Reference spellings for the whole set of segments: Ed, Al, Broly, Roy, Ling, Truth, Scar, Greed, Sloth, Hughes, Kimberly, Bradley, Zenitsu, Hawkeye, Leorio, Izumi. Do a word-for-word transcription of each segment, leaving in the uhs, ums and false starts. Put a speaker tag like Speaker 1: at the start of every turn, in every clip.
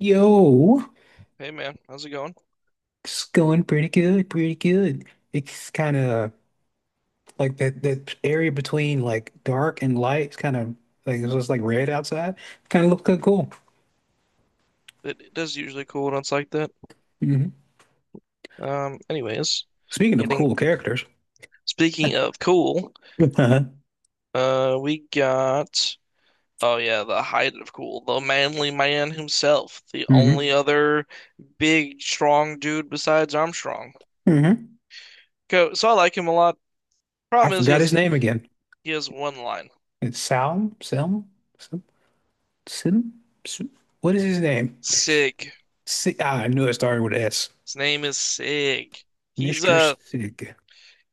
Speaker 1: Yo,
Speaker 2: Hey man, how's it going?
Speaker 1: it's going pretty good, pretty good. It's kind of like that that area between like dark and light. It's kind of like it's just like red outside. Kind of look kinda cool.
Speaker 2: It, it does usually cool when it's like that.
Speaker 1: hmm
Speaker 2: Um, anyways,
Speaker 1: Speaking of
Speaker 2: getting
Speaker 1: cool characters,
Speaker 2: speaking of cool,
Speaker 1: uh-huh.
Speaker 2: uh, we got oh yeah, the height of cool, the manly man himself, the only
Speaker 1: hmm
Speaker 2: other big strong dude besides Armstrong.
Speaker 1: hmm
Speaker 2: Co so I like him a lot.
Speaker 1: I
Speaker 2: Problem is he
Speaker 1: forgot his
Speaker 2: has
Speaker 1: name again.
Speaker 2: he has one line.
Speaker 1: It's Salm, Selm, Sim, Sim. Sim- What is his name?
Speaker 2: Sig.
Speaker 1: Si ah, I knew it started with S.
Speaker 2: His name is Sig. He's
Speaker 1: Mister
Speaker 2: uh
Speaker 1: Sig.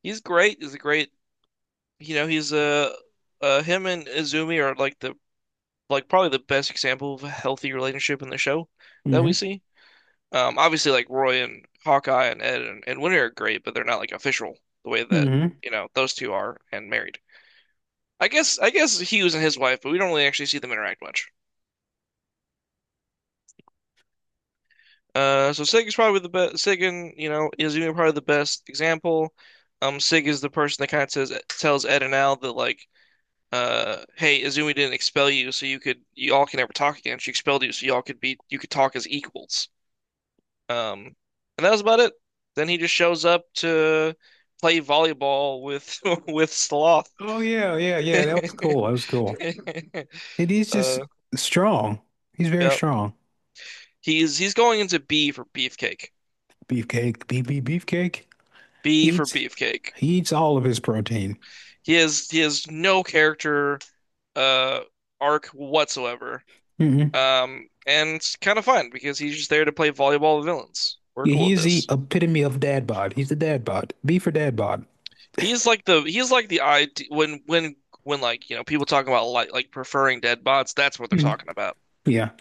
Speaker 2: he's great. He's a great you know he's uh uh him and Izumi are like the like probably the best example of a healthy relationship in the show that
Speaker 1: Hmm
Speaker 2: we see. Um, obviously, like Roy and Hawkeye and Ed and, and Winter are great, but they're not like official the way that
Speaker 1: hmm
Speaker 2: you know those two are and married. I guess I guess Hughes and his wife, but we don't really actually see them interact much. Uh, so Sig is probably the best. Sig and you know is even probably the best example. Um, Sig is the person that kind of says tells Ed and Al that like, uh, hey, Izumi didn't expel you, so you could you all can never talk again. She expelled you, so y'all could be you could talk as equals. Um, and that was about it. Then he just shows up to play volleyball with with Sloth.
Speaker 1: Oh yeah, yeah, yeah. That was cool. That was cool. It is just
Speaker 2: Uh,
Speaker 1: strong. He's very
Speaker 2: yeah.
Speaker 1: strong.
Speaker 2: He's he's going into B for Beefcake.
Speaker 1: Beefcake, beef, beef, beefcake. He
Speaker 2: B for
Speaker 1: eats,
Speaker 2: Beefcake.
Speaker 1: he eats all of his protein.
Speaker 2: He has he has no character uh arc whatsoever.
Speaker 1: Hmm
Speaker 2: Um, and it's kind of fun because he's just there to play volleyball with villains. We're
Speaker 1: Yeah,
Speaker 2: cool
Speaker 1: he
Speaker 2: with
Speaker 1: is the
Speaker 2: this.
Speaker 1: epitome of dad bod. He's the dad bod. Beef or dad bod.
Speaker 2: He's like the he's like the I D when when when like you know people talking about like like preferring dead bots. That's what they're
Speaker 1: Mm.
Speaker 2: talking about.
Speaker 1: Yeah.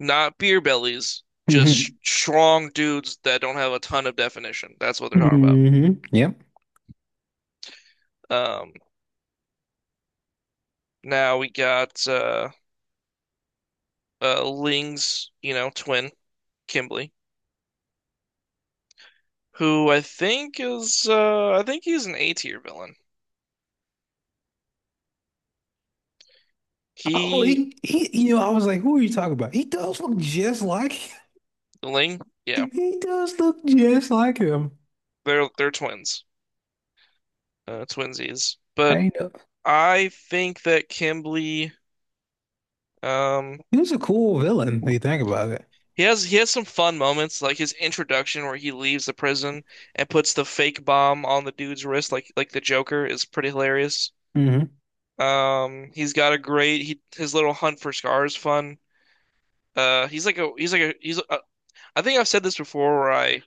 Speaker 2: Not beer bellies, just
Speaker 1: hmm
Speaker 2: strong dudes that don't have a ton of definition. That's what they're talking about.
Speaker 1: hmm Yep.
Speaker 2: Um, now we got uh, uh, Ling's, you know, twin, Kimberly, who I think is uh, I think he's an A tier villain.
Speaker 1: Oh,
Speaker 2: He
Speaker 1: he, he, you know, I was like, who are you talking about? He does look just like,
Speaker 2: Ling, yeah,
Speaker 1: he does look just like him.
Speaker 2: they're they're twins, uh, twinsies. But
Speaker 1: I know.
Speaker 2: I think that Kimberly, um,
Speaker 1: He was a cool villain, if you think about it.
Speaker 2: He has he has some fun moments, like his introduction where he leaves the prison and puts the fake bomb on the dude's wrist, like like the Joker, is pretty hilarious.
Speaker 1: Hmm.
Speaker 2: Um, he's got a great he his little hunt for Scar is fun. Uh, he's like a he's like a he's a, I think I've said this before where I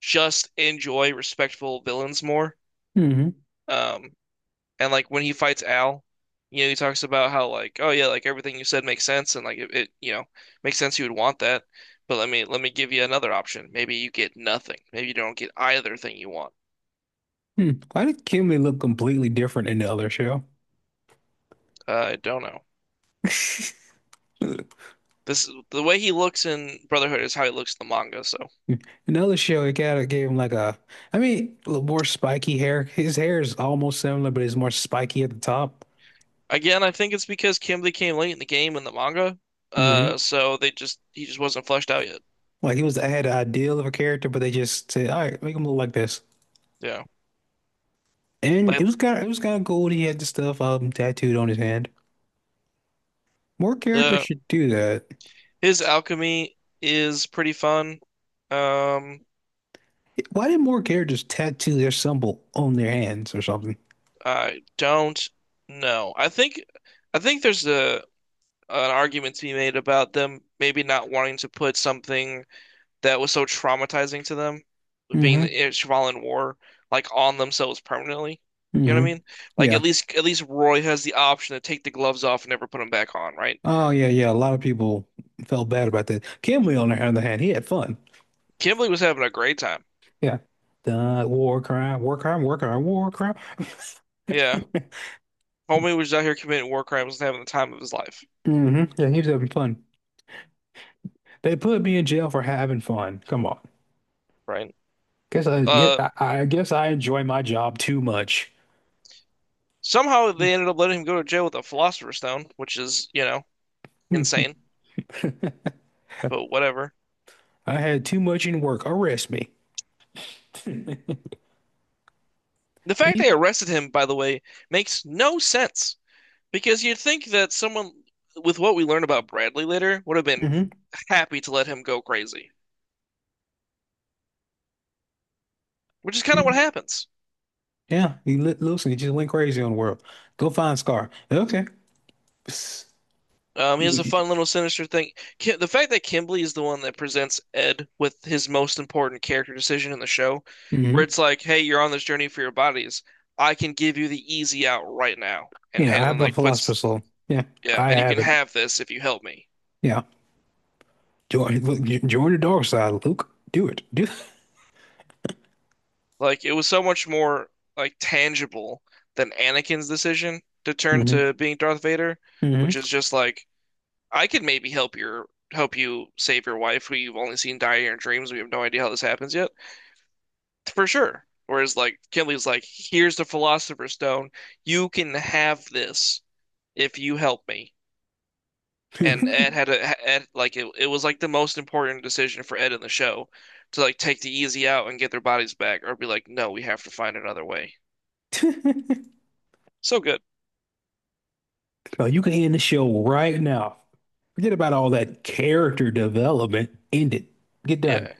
Speaker 2: just enjoy respectful villains more.
Speaker 1: hmm
Speaker 2: Um, And like when he fights Al, you know, he talks about how like, oh yeah, like everything you said makes sense and like it, it you know, makes sense you would want that. But let me let me give you another option. Maybe you get nothing. Maybe you don't get either thing you want.
Speaker 1: Hmm. Why did Kimmy look completely different in the other show?
Speaker 2: Uh, I don't know. This the way he looks in Brotherhood is how he looks in the manga. So
Speaker 1: Another show, it kind of gave him like a, I mean, a little more spiky hair. His hair is almost similar, but it's more spiky at the top.
Speaker 2: again, I think it's because Kimberly came late in the game in the manga. Uh,
Speaker 1: Hmm
Speaker 2: so they just he just wasn't fleshed out yet.
Speaker 1: Like he was, I had an ideal of a character, but they just said, all right, make him look like this.
Speaker 2: Yeah,
Speaker 1: And it
Speaker 2: like
Speaker 1: was kind of, it was kind of cool. that He had the stuff um tattooed on his hand. More characters
Speaker 2: uh,
Speaker 1: should do that.
Speaker 2: his alchemy is pretty fun. Um,
Speaker 1: Why did more characters tattoo their symbol on their hands or something?
Speaker 2: I don't know. I think I think there's a an argument to be made about them maybe not wanting to put something that was so traumatizing to them, being
Speaker 1: Hmm
Speaker 2: the involved war, like on themselves permanently. You know what
Speaker 1: hmm
Speaker 2: I mean? Like
Speaker 1: Yeah.
Speaker 2: at least at least Roy has the option to take the gloves off and never put them back on, right?
Speaker 1: Oh yeah, yeah. A lot of people felt bad about that. Kimberly, on the other hand, he had fun.
Speaker 2: Kimberly was having a great time.
Speaker 1: Yeah. The war crime, war crime, war crime, war crime.
Speaker 2: Yeah. Homie was out here committing war crimes and having the time of his life,
Speaker 1: hmm Yeah, he was having fun. They put me in jail for having fun. Come on.
Speaker 2: right?
Speaker 1: Guess I get
Speaker 2: Uh,
Speaker 1: I, I guess I enjoy my job too much.
Speaker 2: somehow they ended up letting him go to jail with a philosopher's stone, which is, you know,
Speaker 1: I
Speaker 2: insane. But whatever.
Speaker 1: had too much in work. Arrest me.
Speaker 2: The fact they
Speaker 1: Please.
Speaker 2: arrested him, by the way, makes no sense because you'd think that someone with what we learn about Bradley later would have been
Speaker 1: Hmm
Speaker 2: happy to let him go crazy, which is kind of what happens.
Speaker 1: Yeah, he li listen, he just went crazy on the world. Go find Scar. Okay. Psst.
Speaker 2: Um, he has
Speaker 1: You,
Speaker 2: a fun little sinister thing. Ki The fact that Kimberly is the one that presents Ed with his most important character decision in the show, where
Speaker 1: hmm
Speaker 2: it's like, "Hey, you're on this journey for your bodies. I can give you the easy out right now," and
Speaker 1: Yeah, I
Speaker 2: and
Speaker 1: have a
Speaker 2: like puts,
Speaker 1: philosopher's soul. Yeah,
Speaker 2: yeah,
Speaker 1: I
Speaker 2: and you
Speaker 1: have
Speaker 2: can
Speaker 1: it.
Speaker 2: have this if you help me.
Speaker 1: Yeah. Join, look, j- join the dark side, Luke. Do it. Do
Speaker 2: Like it was so much more like tangible than Anakin's decision to turn
Speaker 1: Mm-hmm.
Speaker 2: to being Darth Vader, which is just like I could maybe help your help you save your wife who you've only seen die in your dreams. We have no idea how this happens yet, for sure. Whereas like Kinley's like, here's the Philosopher's Stone. You can have this if you help me. And
Speaker 1: Mm-hmm.
Speaker 2: Ed had a Ed like it, it was like the most important decision for Ed in the show to like take the easy out and get their bodies back or be like, no, we have to find another way. So good.
Speaker 1: So you can end the show right now. Forget about all that character development. End it. Get done.
Speaker 2: Yeah. E-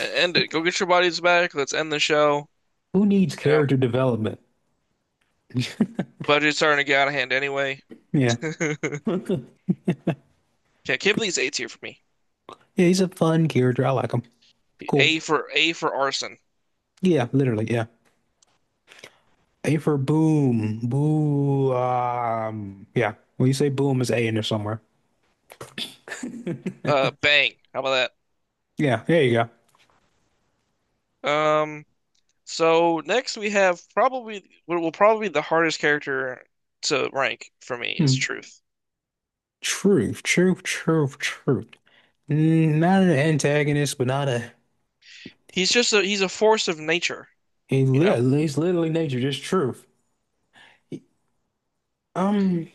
Speaker 2: End it. Go get your bodies back. Let's end the show.
Speaker 1: Who needs
Speaker 2: You know,
Speaker 1: character development?
Speaker 2: budget's starting to get out of hand anyway.
Speaker 1: Yeah.
Speaker 2: Yeah, Kibley's A tier for me.
Speaker 1: Yeah, he's a fun character. I like him. Cool.
Speaker 2: A for A for arson.
Speaker 1: Yeah, literally, yeah. A for boom. Boo um Yeah. When you say boom, it's A in there somewhere.
Speaker 2: Uh, bang. How about
Speaker 1: Yeah, there you go.
Speaker 2: that? Um, so next we have probably what will probably be the hardest character to rank for me is
Speaker 1: Hmm.
Speaker 2: Truth.
Speaker 1: Truth, truth, truth, truth. Mm, not an antagonist, but not a.
Speaker 2: He's just a he's a force of nature,
Speaker 1: He
Speaker 2: you know?
Speaker 1: literally, it's literally nature, just truth. Um,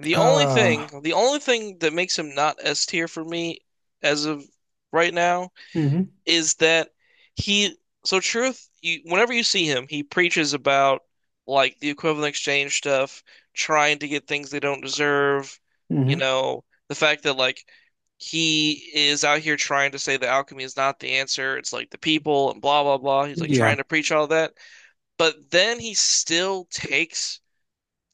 Speaker 2: The only
Speaker 1: uh,
Speaker 2: thing the only thing that makes him not S tier for me as of right now
Speaker 1: hmm
Speaker 2: is that he so Truth, you whenever you see him, he preaches about like the equivalent exchange stuff, trying to get things they don't deserve, you
Speaker 1: hmm
Speaker 2: know, the fact that like he is out here trying to say that alchemy is not the answer, it's like the people and blah blah blah. He's like
Speaker 1: Yeah,
Speaker 2: trying to preach all that, but then he still takes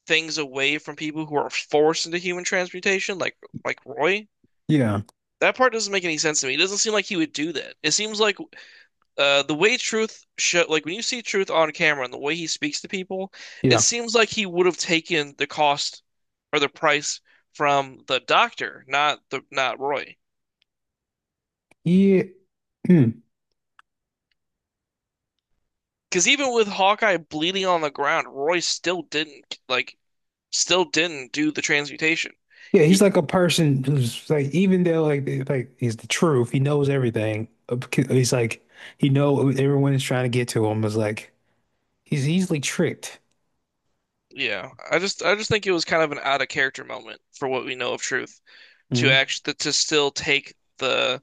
Speaker 2: things away from people who are forced into human transmutation, like like Roy.
Speaker 1: yeah,
Speaker 2: That part doesn't make any sense to me. It doesn't seem like he would do that. It seems like uh, the way Truth show, like when you see Truth on camera and the way he speaks to people, it
Speaker 1: yeah,
Speaker 2: seems like he would have taken the cost or the price from the doctor, not the not Roy.
Speaker 1: yeah, mm.
Speaker 2: Because even with Hawkeye bleeding on the ground, Roy still didn't like still didn't do the transmutation.
Speaker 1: Yeah, he's
Speaker 2: He
Speaker 1: like a person who's like, even though like, they- like he's the truth, he knows everything. Uh, c- He's like, he know everyone is trying to get to him is like, he's easily tricked.
Speaker 2: Yeah, I just I just think it was kind of an out of character moment for what we know of Truth to
Speaker 1: Mm.
Speaker 2: actually to still take the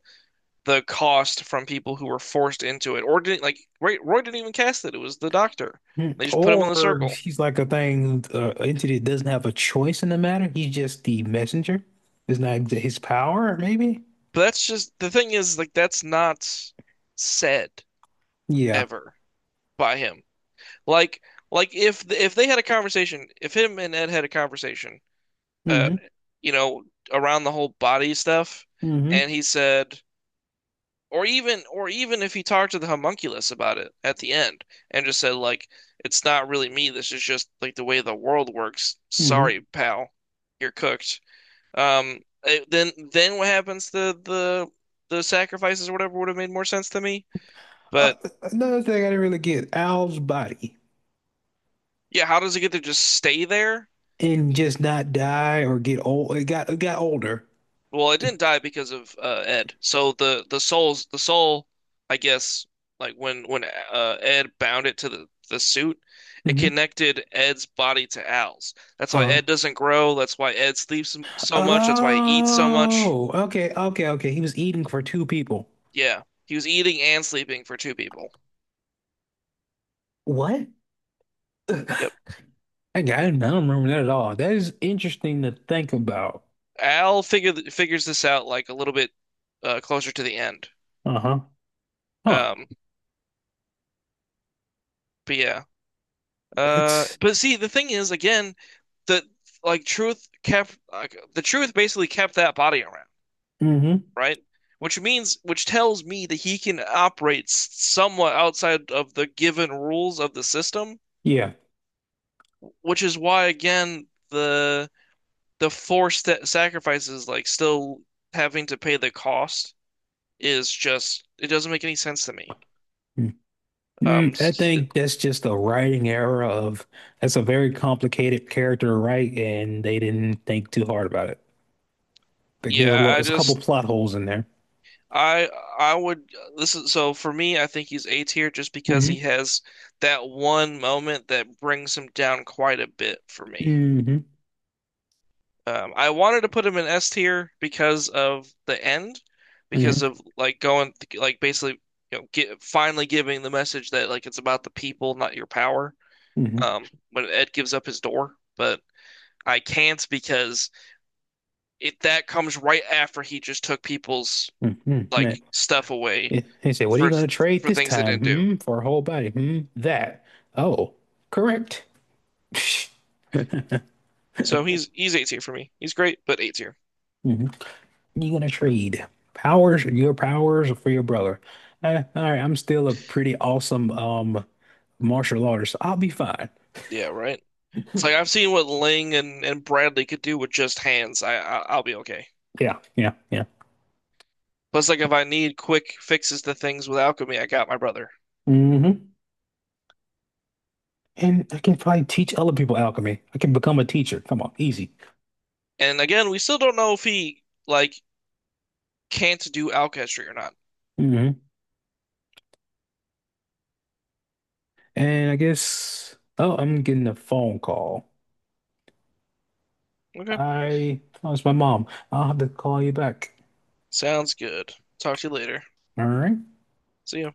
Speaker 2: the cost from people who were forced into it, or didn't like Roy, Roy didn't even cast it. It was the doctor.
Speaker 1: Mm.
Speaker 2: They just put him in the
Speaker 1: Or
Speaker 2: circle.
Speaker 1: he's like a thing, uh, entity that doesn't have a choice in the matter. He's just the messenger. It's not his power, maybe.
Speaker 2: But that's just the thing is like that's not said
Speaker 1: Yeah.
Speaker 2: ever by him. Like like if if they had a conversation, if him and Ed had a conversation, uh,
Speaker 1: hmm
Speaker 2: you know, around the whole body stuff,
Speaker 1: hmm
Speaker 2: and he said, or even or even if he talked to the homunculus about it at the end and just said like it's not really me, this is just like the way the world works.
Speaker 1: hmm
Speaker 2: Sorry, pal. You're cooked. Um eh, then then what happens to the the sacrifices or whatever would have made more sense to me.
Speaker 1: Uh,
Speaker 2: But
Speaker 1: another thing I didn't really get, Al's body
Speaker 2: yeah, how does it get to just stay there?
Speaker 1: and just not die or get old. It got it got older.
Speaker 2: Well, it didn't die because of uh, Ed. So the the soul's the soul, I guess, like when when uh, Ed bound it to the the suit, it
Speaker 1: Hmm
Speaker 2: connected Ed's body to Al's. That's why
Speaker 1: Uh,
Speaker 2: Ed doesn't grow. That's why Ed sleeps m- so much. That's why he eats so much.
Speaker 1: oh, okay, okay, okay. He was eating for two people.
Speaker 2: Yeah, he was eating and sleeping for two people.
Speaker 1: What? Ugh,
Speaker 2: Yep.
Speaker 1: I got it. I don't remember that at all. That is interesting to think about.
Speaker 2: Al figured figures this out like a little bit uh, closer to the end.
Speaker 1: Uh-huh. Huh.
Speaker 2: Um, but yeah. Uh,
Speaker 1: That's.
Speaker 2: but see, the thing is, again, the like truth kept like the truth basically kept that body around,
Speaker 1: Hmm
Speaker 2: right? Which means, which tells me that he can operate s- somewhat outside of the given rules of the system,
Speaker 1: Yeah.
Speaker 2: which is why, again, the the forced sa- sacrifices, like still having to pay the cost, is just it doesn't make any sense to me.
Speaker 1: Mm.
Speaker 2: Um,
Speaker 1: Mm, I
Speaker 2: s-
Speaker 1: think that's just a writing error of that's a very complicated character to write, and they didn't think too hard about it. Like there's a lot,
Speaker 2: yeah, I
Speaker 1: there's a couple
Speaker 2: just
Speaker 1: plot holes in there.
Speaker 2: I I would this is so for me I think he's A tier just because
Speaker 1: Mm-hmm.
Speaker 2: he has that one moment that brings him down quite a bit for me.
Speaker 1: Mm-hmm.
Speaker 2: Um, I wanted to put him in S tier because of the end,
Speaker 1: Mm-hmm.
Speaker 2: because of like going like basically you know get, finally giving the message that like it's about the people not your power.
Speaker 1: Mm-hmm.
Speaker 2: Um, when Ed gives up his door, but I can't because it that comes right after he just took people's
Speaker 1: Mm-hmm. Yeah.
Speaker 2: like stuff away
Speaker 1: Yeah. He said, "What are you
Speaker 2: for
Speaker 1: going to trade
Speaker 2: for
Speaker 1: this
Speaker 2: things they
Speaker 1: time?
Speaker 2: didn't do.
Speaker 1: Hmm, for a whole body? Hmm, that? Oh, correct.
Speaker 2: So he's he's A tier for me. He's great, but A tier.
Speaker 1: Mm-hmm. You're going to trade powers, your powers, for your brother. Uh, all right, I'm still a pretty awesome um martial artist. So I'll be fine.
Speaker 2: Yeah, right. It's like I've seen what Ling and, and Bradley could do with just hands. I, I I'll be okay.
Speaker 1: Yeah, yeah, yeah.
Speaker 2: Plus, like if I need quick fixes to things with alchemy, I got my brother.
Speaker 1: Mm-hmm. And I can probably teach other people alchemy. I can become a teacher. Come on, easy.
Speaker 2: And again, we still don't know if he like can't do alchemy or not.
Speaker 1: Mm-hmm. And I guess, oh, I'm getting a phone call.
Speaker 2: Okay,
Speaker 1: I, oh, it's my mom. I'll have to call you back.
Speaker 2: sounds good. Talk to you later.
Speaker 1: All right.
Speaker 2: See ya.